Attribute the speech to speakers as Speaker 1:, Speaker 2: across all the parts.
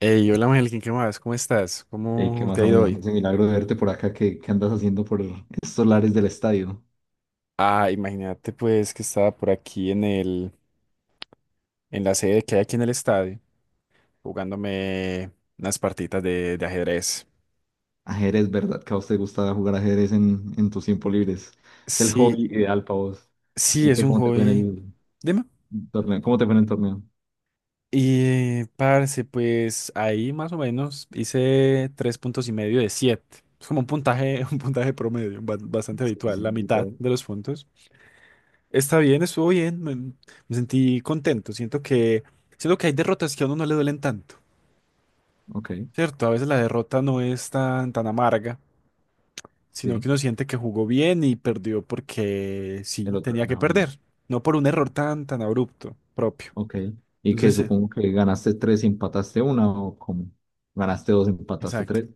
Speaker 1: Hey, hola Ángel, ¿qué más? ¿Cómo estás?
Speaker 2: Ey, ¿qué
Speaker 1: ¿Cómo te
Speaker 2: más,
Speaker 1: ha ido
Speaker 2: amo?
Speaker 1: hoy?
Speaker 2: Ese milagro de verte por acá, ¿qué andas haciendo por estos lares del estadio?
Speaker 1: Ah, imagínate pues que estaba por aquí en la sede que hay aquí en el estadio, jugándome unas partitas de ajedrez.
Speaker 2: Ajedrez, ¿verdad? Que a vos te gusta jugar ajedrez en tus tiempos libres. Es el
Speaker 1: Sí,
Speaker 2: hobby ideal para vos.
Speaker 1: sí,
Speaker 2: ¿Y
Speaker 1: es
Speaker 2: qué,
Speaker 1: un
Speaker 2: cómo te fue en
Speaker 1: hobby.
Speaker 2: el
Speaker 1: Dime.
Speaker 2: torneo? ¿Cómo te fue en el torneo?
Speaker 1: Y parce, pues ahí más o menos hice 3,5 puntos de 7. Es como un puntaje, un puntaje promedio, bastante
Speaker 2: Sí,
Speaker 1: habitual,
Speaker 2: sí,
Speaker 1: la mitad
Speaker 2: literal.
Speaker 1: de los puntos. Está bien, estuvo bien, me sentí contento. Siento que hay derrotas que a uno no le duelen tanto,
Speaker 2: Ok,
Speaker 1: ¿cierto? A veces la derrota no es tan, tan amarga, sino que
Speaker 2: sí,
Speaker 1: uno siente que jugó bien y perdió porque
Speaker 2: el
Speaker 1: sí,
Speaker 2: otro
Speaker 1: tenía que
Speaker 2: ganaba.
Speaker 1: perder, no por un
Speaker 2: Sí.
Speaker 1: error tan, tan abrupto propio.
Speaker 2: Ok, ¿y que
Speaker 1: Entonces,
Speaker 2: supongo que ganaste tres y empataste una, o cómo? Ganaste dos, empataste
Speaker 1: exacto,
Speaker 2: tres.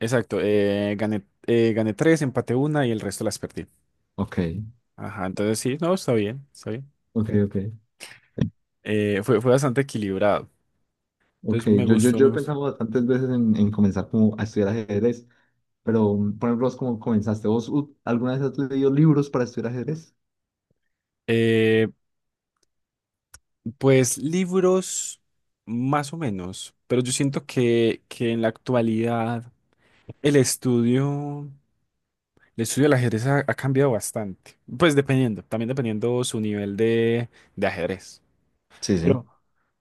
Speaker 1: exacto. Gané tres, empaté una y el resto las perdí.
Speaker 2: Ok,
Speaker 1: Ajá, entonces sí, no, está bien, está bien.
Speaker 2: ok, ok.
Speaker 1: Fue bastante equilibrado.
Speaker 2: Ok,
Speaker 1: Entonces me
Speaker 2: yo, yo,
Speaker 1: gustó, me
Speaker 2: yo he
Speaker 1: gustó.
Speaker 2: pensado bastantes veces en comenzar como a estudiar ajedrez. Pero, por ejemplo, ¿vos cómo comenzaste? ¿Vos alguna vez has leído libros para estudiar ajedrez?
Speaker 1: Eh, Pues libros, más o menos, pero yo siento que en la actualidad el estudio, el estudio del ajedrez ha cambiado bastante. Pues dependiendo, también dependiendo su nivel de ajedrez.
Speaker 2: Sí, sí.
Speaker 1: Pero,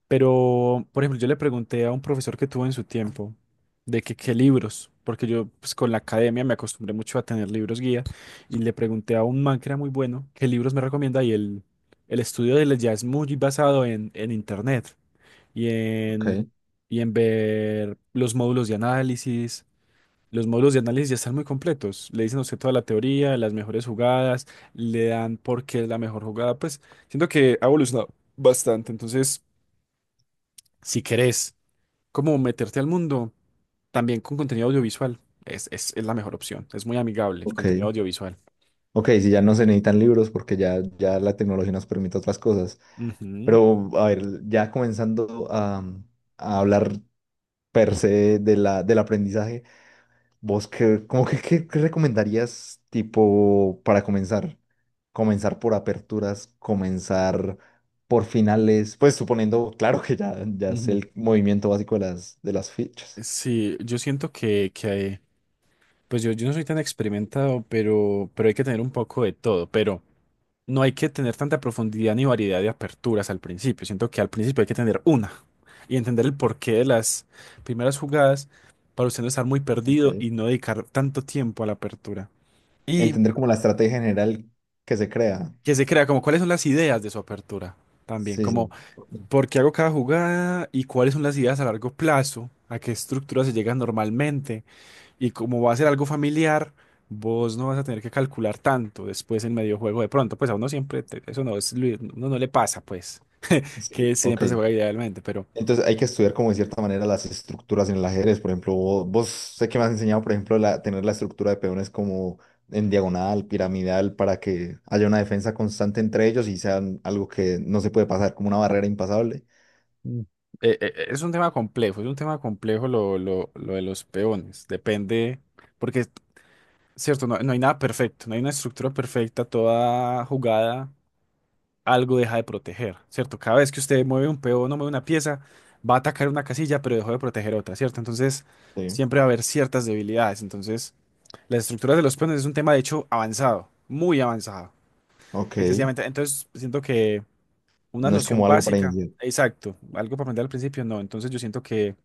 Speaker 1: pero, por ejemplo, yo le pregunté a un profesor que tuvo en su tiempo de que qué libros, porque yo pues, con la academia me acostumbré mucho a tener libros guía, y le pregunté a un man que era muy bueno qué libros me recomienda y el estudio de él ya es muy basado en internet y
Speaker 2: Ok,
Speaker 1: en, y en ver los módulos de análisis. Los módulos de análisis ya están muy completos. Le dicen a usted toda la teoría, las mejores jugadas, le dan por qué es la mejor jugada. Pues siento que ha evolucionado bastante. Entonces, si querés como meterte al mundo, también con contenido audiovisual, es la mejor opción. Es muy amigable el
Speaker 2: ok.
Speaker 1: contenido audiovisual.
Speaker 2: Ok, si ya no se necesitan libros porque ya la tecnología nos permite otras cosas.
Speaker 1: Ujú,
Speaker 2: Pero, a ver, ya comenzando a hablar per se del aprendizaje, ¿vos qué, como que, qué recomendarías tipo para comenzar? Comenzar por aperturas, comenzar por finales, pues suponiendo, claro que ya sé
Speaker 1: ujú.
Speaker 2: el movimiento básico de las fichas.
Speaker 1: Sí, yo siento que, pues yo no soy tan experimentado, pero hay que tener un poco de todo. Pero no hay que tener tanta profundidad ni variedad de aperturas al principio. Siento que al principio hay que tener una y entender el porqué de las primeras jugadas para usted no estar muy perdido
Speaker 2: Ok.
Speaker 1: y no dedicar tanto tiempo a la apertura. Y
Speaker 2: Entender como la estrategia general que se crea.
Speaker 1: que se crea como cuáles son las ideas de su apertura también,
Speaker 2: Sí,
Speaker 1: como
Speaker 2: sí. Ok.
Speaker 1: por qué hago cada jugada y cuáles son las ideas a largo plazo, a qué estructura se llega normalmente y como va a ser algo familiar. Vos no vas a tener que calcular tanto después en medio juego de pronto, pues a uno siempre, eso no es, uno no le pasa, pues.
Speaker 2: Sí,
Speaker 1: Que
Speaker 2: ok.
Speaker 1: siempre se juega idealmente, pero.
Speaker 2: Entonces hay que estudiar como de cierta manera las estructuras en el ajedrez. Por ejemplo, vos, sé que me has enseñado, por ejemplo, tener la estructura de peones como en diagonal, piramidal, para que haya una defensa constante entre ellos y sean algo que no se puede pasar, como una barrera impasable.
Speaker 1: Mm. Es un tema complejo, es un tema complejo lo de los peones. Depende, porque cierto, no, no hay nada perfecto, no hay una estructura perfecta, toda jugada, algo deja de proteger, ¿cierto? Cada vez que usted mueve un peón o mueve una pieza, va a atacar una casilla, pero dejó de proteger otra, ¿cierto? Entonces,
Speaker 2: Sí.
Speaker 1: siempre va a haber ciertas debilidades. Entonces, las estructuras de los peones es un tema, de hecho, avanzado, muy avanzado.
Speaker 2: Ok.
Speaker 1: Excesivamente. Entonces, siento que. Una
Speaker 2: No es
Speaker 1: noción
Speaker 2: como algo para
Speaker 1: básica,
Speaker 2: iniciar.
Speaker 1: exacto, algo para aprender al principio, no. Entonces yo siento que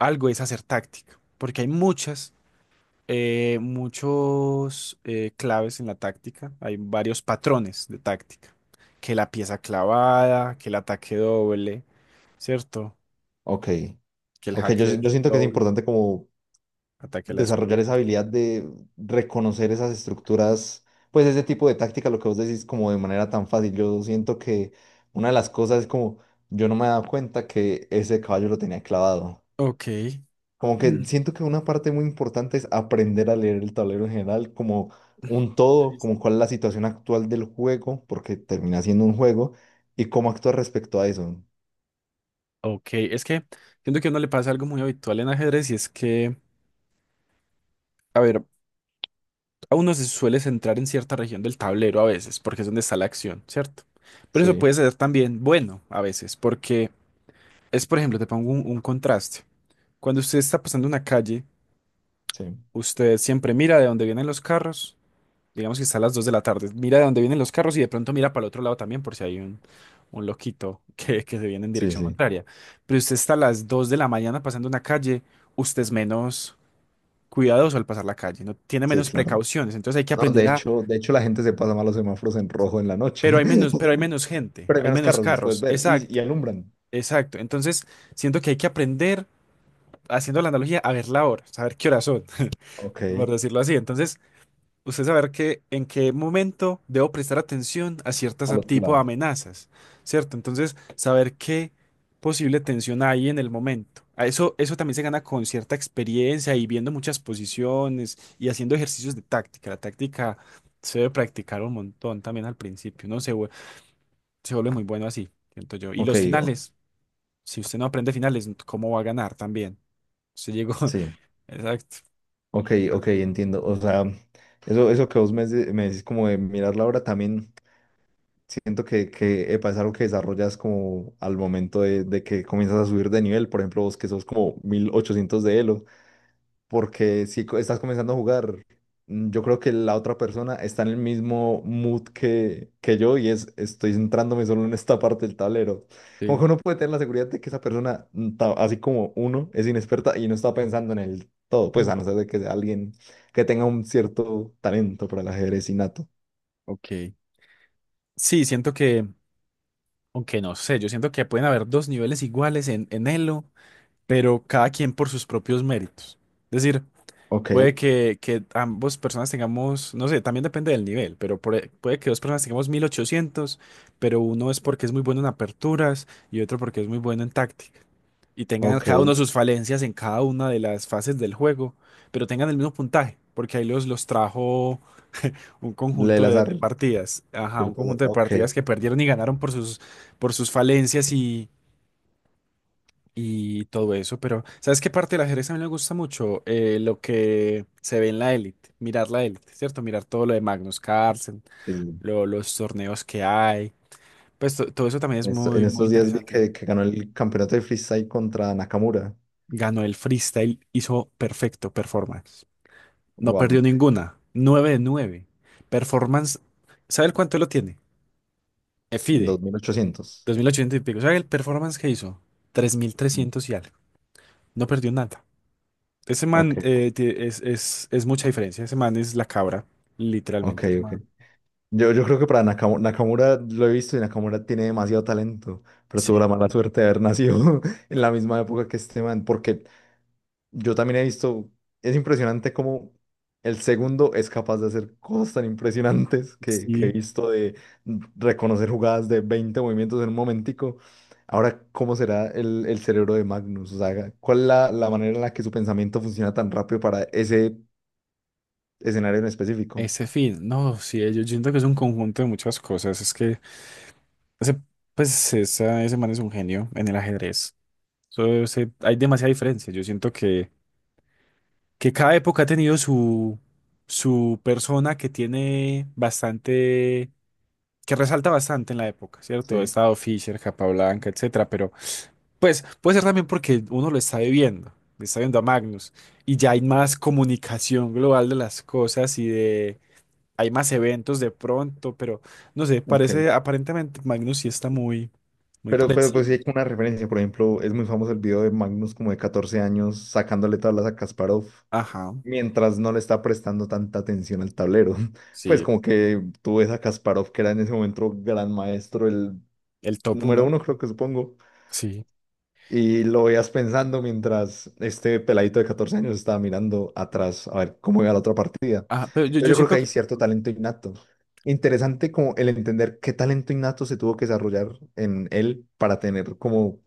Speaker 1: algo es hacer táctica, porque hay muchos claves en la táctica, hay varios patrones de táctica, que la pieza clavada, que el ataque doble, ¿cierto?
Speaker 2: Ok.
Speaker 1: Que el
Speaker 2: Ok, yo,
Speaker 1: jaque es
Speaker 2: yo siento que es
Speaker 1: doble,
Speaker 2: importante como
Speaker 1: ataque a la
Speaker 2: desarrollar esa
Speaker 1: descubierta.
Speaker 2: habilidad de reconocer esas estructuras, pues ese tipo de táctica, lo que vos decís, como de manera tan fácil. Yo siento que una de las cosas es como, yo no me he dado cuenta que ese caballo lo tenía clavado.
Speaker 1: Ok.
Speaker 2: Como que siento que una parte muy importante es aprender a leer el tablero en general, como un todo, como cuál es la situación actual del juego, porque termina siendo un juego, y cómo actuar respecto a eso.
Speaker 1: Ok, es que siento que a uno le pasa algo muy habitual en ajedrez y es que, a ver, a uno se suele centrar en cierta región del tablero a veces, porque es donde está la acción, ¿cierto? Pero eso
Speaker 2: Sí,
Speaker 1: puede ser también bueno a veces, porque por ejemplo, te pongo un contraste. Cuando usted está pasando una calle,
Speaker 2: sí,
Speaker 1: usted siempre mira de dónde vienen los carros, digamos que está a las 2 de la tarde, mira de dónde vienen los carros y de pronto mira para el otro lado también por si hay un loquito que se viene en
Speaker 2: sí,
Speaker 1: dirección
Speaker 2: sí,
Speaker 1: contraria. Pero usted está a las 2 de la mañana pasando una calle, usted es menos cuidadoso al pasar la calle, no tiene
Speaker 2: sí,
Speaker 1: menos
Speaker 2: claro.
Speaker 1: precauciones, entonces hay que
Speaker 2: No, de
Speaker 1: aprender a.
Speaker 2: hecho, de hecho la gente se pasa mal los semáforos en rojo en la noche.
Speaker 1: Pero hay menos, pero hay menos gente,
Speaker 2: Pero hay
Speaker 1: hay
Speaker 2: menos
Speaker 1: menos
Speaker 2: carros, los puedes
Speaker 1: carros.
Speaker 2: ver. Y,
Speaker 1: Exacto,
Speaker 2: y alumbran.
Speaker 1: exacto. Entonces, siento que hay que aprender, haciendo la analogía, a ver la hora, saber qué horas son,
Speaker 2: Ok.
Speaker 1: por decirlo así. Entonces, usted saber que en qué momento debo prestar atención a ciertas
Speaker 2: Al otro
Speaker 1: tipo de
Speaker 2: lado.
Speaker 1: amenazas, ¿cierto? Entonces, saber qué posible tensión hay en el momento. A Eso, eso también se gana con cierta experiencia y viendo muchas posiciones y haciendo ejercicios de táctica. La táctica se debe practicar un montón también al principio. No sé, se vuelve muy bueno así, siento yo. Y
Speaker 2: Ok,
Speaker 1: los
Speaker 2: o-
Speaker 1: finales, si usted no aprende finales, ¿cómo va a ganar también? Usted llegó,
Speaker 2: sí,
Speaker 1: exacto.
Speaker 2: ok, ok, entiendo. O sea, eso que vos me decís como de mirar la hora, también siento que epa, es algo que desarrollas como al momento de que comienzas a subir de nivel. Por ejemplo, vos que sos como 1800 de Elo, porque si co- estás comenzando a jugar, yo creo que la otra persona está en el mismo mood que yo y es estoy centrándome solo en esta parte del tablero. Como que
Speaker 1: Sí.
Speaker 2: uno puede tener la seguridad de que esa persona, así como uno, es inexperta y no está pensando en el todo, pues
Speaker 1: Mm.
Speaker 2: a no ser de que sea alguien que tenga un cierto talento para el ajedrez innato.
Speaker 1: Ok. Sí, siento que, aunque no sé, yo siento que pueden haber dos niveles iguales en Elo, pero cada quien por sus propios méritos. Es decir,
Speaker 2: Ok,
Speaker 1: puede que ambos personas tengamos, no sé, también depende del nivel, pero puede que dos personas tengamos 1800 pero uno es porque es muy bueno en aperturas y otro porque es muy bueno en táctica. Y tengan cada
Speaker 2: ok.
Speaker 1: uno sus falencias en cada una de las fases del juego, pero tengan el mismo puntaje, porque ahí los trajo un
Speaker 2: Le
Speaker 1: conjunto
Speaker 2: el
Speaker 1: de,
Speaker 2: azar,
Speaker 1: de partidas, ajá, un
Speaker 2: ¿cierto?
Speaker 1: conjunto de
Speaker 2: Ok,
Speaker 1: partidas que perdieron y ganaron por sus falencias y todo eso, pero ¿sabes qué parte del ajedrez a mí me gusta mucho? Lo que se ve en la élite, mirar la élite, ¿cierto? Mirar todo lo de Magnus Carlsen,
Speaker 2: sí.
Speaker 1: los torneos que hay, pues todo eso también es
Speaker 2: En
Speaker 1: muy, muy
Speaker 2: estos días vi
Speaker 1: interesante.
Speaker 2: que ganó el campeonato de freestyle contra Nakamura.
Speaker 1: Ganó el freestyle, hizo perfecto performance. No perdió
Speaker 2: Wow.
Speaker 1: ninguna. 9 de 9. Performance. ¿Sabe el cuánto lo tiene? FIDE.
Speaker 2: 2800.
Speaker 1: 2800 y pico. ¿Sabe el performance que hizo? 3300 y algo. No perdió nada. Ese
Speaker 2: Ok,
Speaker 1: man es mucha diferencia. Ese man es la cabra.
Speaker 2: ok,
Speaker 1: Literalmente. Es
Speaker 2: ok.
Speaker 1: man.
Speaker 2: Yo creo que para Nakamura, lo he visto y Nakamura tiene demasiado talento, pero tuvo la
Speaker 1: Sí.
Speaker 2: mala suerte de haber nacido en la misma época que este man, porque yo también he visto, es impresionante cómo el segundo es capaz de hacer cosas tan impresionantes que he
Speaker 1: Sí.
Speaker 2: visto de reconocer jugadas de 20 movimientos en un momentico. Ahora, ¿cómo será el cerebro de Magnus? O sea, ¿cuál es la manera en la que su pensamiento funciona tan rápido para ese escenario en específico?
Speaker 1: Ese fin. No, sí. Yo siento que es un conjunto de muchas cosas. Es que ese, pues, ese man es un genio en el ajedrez. So, hay demasiada diferencia. Yo siento que cada época ha tenido su persona que tiene bastante, que resalta bastante en la época, ¿cierto? Ha
Speaker 2: Sí.
Speaker 1: estado Fisher, Capablanca, etcétera, pero pues puede ser también porque uno lo está viviendo, lo está viendo a Magnus, y ya hay más comunicación global de las cosas hay más eventos de pronto, pero no sé,
Speaker 2: Ok.
Speaker 1: parece, aparentemente Magnus sí está muy, muy por
Speaker 2: Pero pues sí
Speaker 1: encima.
Speaker 2: hay como una referencia. Por ejemplo, es muy famoso el video de Magnus como de 14 años sacándole tablas a Kasparov
Speaker 1: Ajá,
Speaker 2: mientras no le está prestando tanta atención al tablero. Pues
Speaker 1: sí,
Speaker 2: como que tú ves a Kasparov que era en ese momento gran maestro, el
Speaker 1: el top
Speaker 2: número
Speaker 1: uno,
Speaker 2: uno creo que supongo,
Speaker 1: sí.
Speaker 2: y lo veías pensando mientras este peladito de 14 años estaba mirando atrás a ver cómo iba la otra partida.
Speaker 1: Ajá, pero yo,
Speaker 2: Entonces
Speaker 1: yo
Speaker 2: yo creo que
Speaker 1: siento
Speaker 2: hay
Speaker 1: que,
Speaker 2: cierto talento innato. Interesante como el entender qué talento innato se tuvo que desarrollar en él para tener como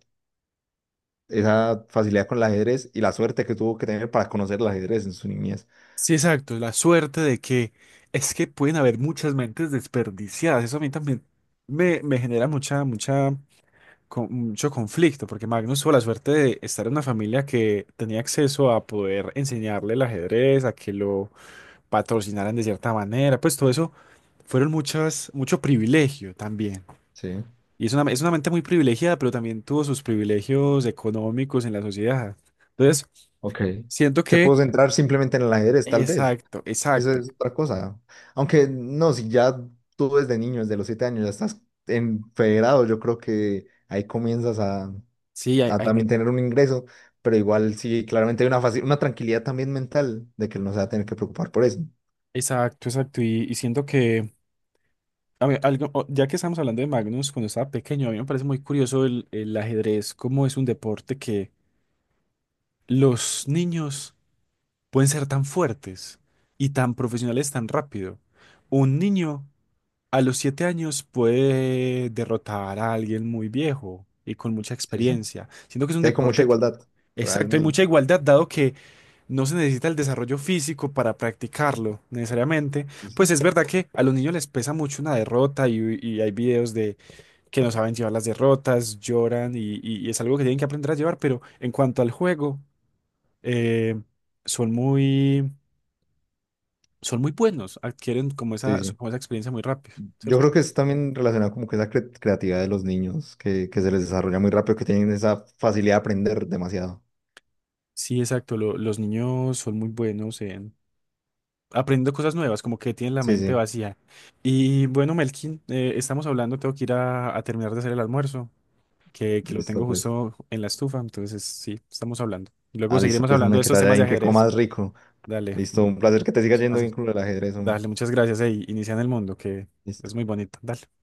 Speaker 2: esa facilidad con el ajedrez y la suerte que tuvo que tener para conocer el ajedrez en su niñez.
Speaker 1: sí, exacto, la suerte de que es que pueden haber muchas mentes desperdiciadas. Eso a mí también me genera mucho conflicto, porque Magnus tuvo la suerte de estar en una familia que tenía acceso a poder enseñarle el ajedrez, a que lo patrocinaran de cierta manera. Pues todo eso fueron mucho privilegio también.
Speaker 2: Sí,
Speaker 1: Y es una mente muy privilegiada, pero también tuvo sus privilegios económicos en la sociedad. Entonces,
Speaker 2: ok.
Speaker 1: siento
Speaker 2: Se pudo
Speaker 1: que...
Speaker 2: centrar simplemente en el ajedrez, tal vez.
Speaker 1: Exacto,
Speaker 2: Eso
Speaker 1: exacto.
Speaker 2: es otra cosa. Aunque no, si ya tú desde niño, desde los 7 años, ya estás en federado, yo creo que ahí comienzas a,
Speaker 1: Sí, hay,
Speaker 2: a
Speaker 1: hay ni-
Speaker 2: también tener un ingreso, pero igual sí, claramente hay una una tranquilidad también mental de que no se va a tener que preocupar por eso.
Speaker 1: Exacto, exacto. Y siento que, a mí algo, ya que estamos hablando de Magnus, cuando estaba pequeño, a mí me parece muy curioso el ajedrez, cómo es un deporte que los niños pueden ser tan fuertes y tan profesionales tan rápido. Un niño a los 7 años puede derrotar a alguien muy viejo y con mucha
Speaker 2: Sí, sí.
Speaker 1: experiencia. Siento que es un
Speaker 2: Sí, hay como mucha
Speaker 1: deporte que...
Speaker 2: igualdad,
Speaker 1: Exacto, hay mucha
Speaker 2: realmente.
Speaker 1: igualdad, dado que no se necesita el desarrollo físico para practicarlo necesariamente.
Speaker 2: Sí,
Speaker 1: Pues es verdad que a los niños les pesa mucho una derrota y hay videos de que no saben llevar las derrotas, lloran y es algo que tienen que aprender a llevar, pero en cuanto al juego, eh, son muy, son muy buenos, adquieren
Speaker 2: sí. Sí.
Speaker 1: como esa experiencia muy rápido,
Speaker 2: Yo creo
Speaker 1: ¿cierto?
Speaker 2: que es también relacionado como que esa creatividad de los niños, que se les desarrolla muy rápido, que tienen esa facilidad de aprender demasiado.
Speaker 1: Sí, exacto. Los niños son muy buenos en aprendiendo cosas nuevas, como que tienen la
Speaker 2: Sí,
Speaker 1: mente
Speaker 2: sí.
Speaker 1: vacía. Y bueno, Melkin, estamos hablando, tengo que ir a terminar de hacer el almuerzo, que lo
Speaker 2: Listo,
Speaker 1: tengo
Speaker 2: pues.
Speaker 1: justo en la estufa, entonces sí, estamos hablando. Y luego
Speaker 2: Ah, listo,
Speaker 1: seguiremos
Speaker 2: pues,
Speaker 1: hablando
Speaker 2: hombre,
Speaker 1: de
Speaker 2: que te
Speaker 1: estos
Speaker 2: vaya
Speaker 1: temas de
Speaker 2: bien, que
Speaker 1: ajedrez.
Speaker 2: comas rico.
Speaker 1: Dale,
Speaker 2: Listo, un placer que te siga yendo
Speaker 1: muchísimas,
Speaker 2: bien
Speaker 1: gracias.
Speaker 2: con el ajedrez, hombre.
Speaker 1: Dale, muchas gracias. Ey, inicia en el mundo, que
Speaker 2: Listo.
Speaker 1: es muy bonito. Dale.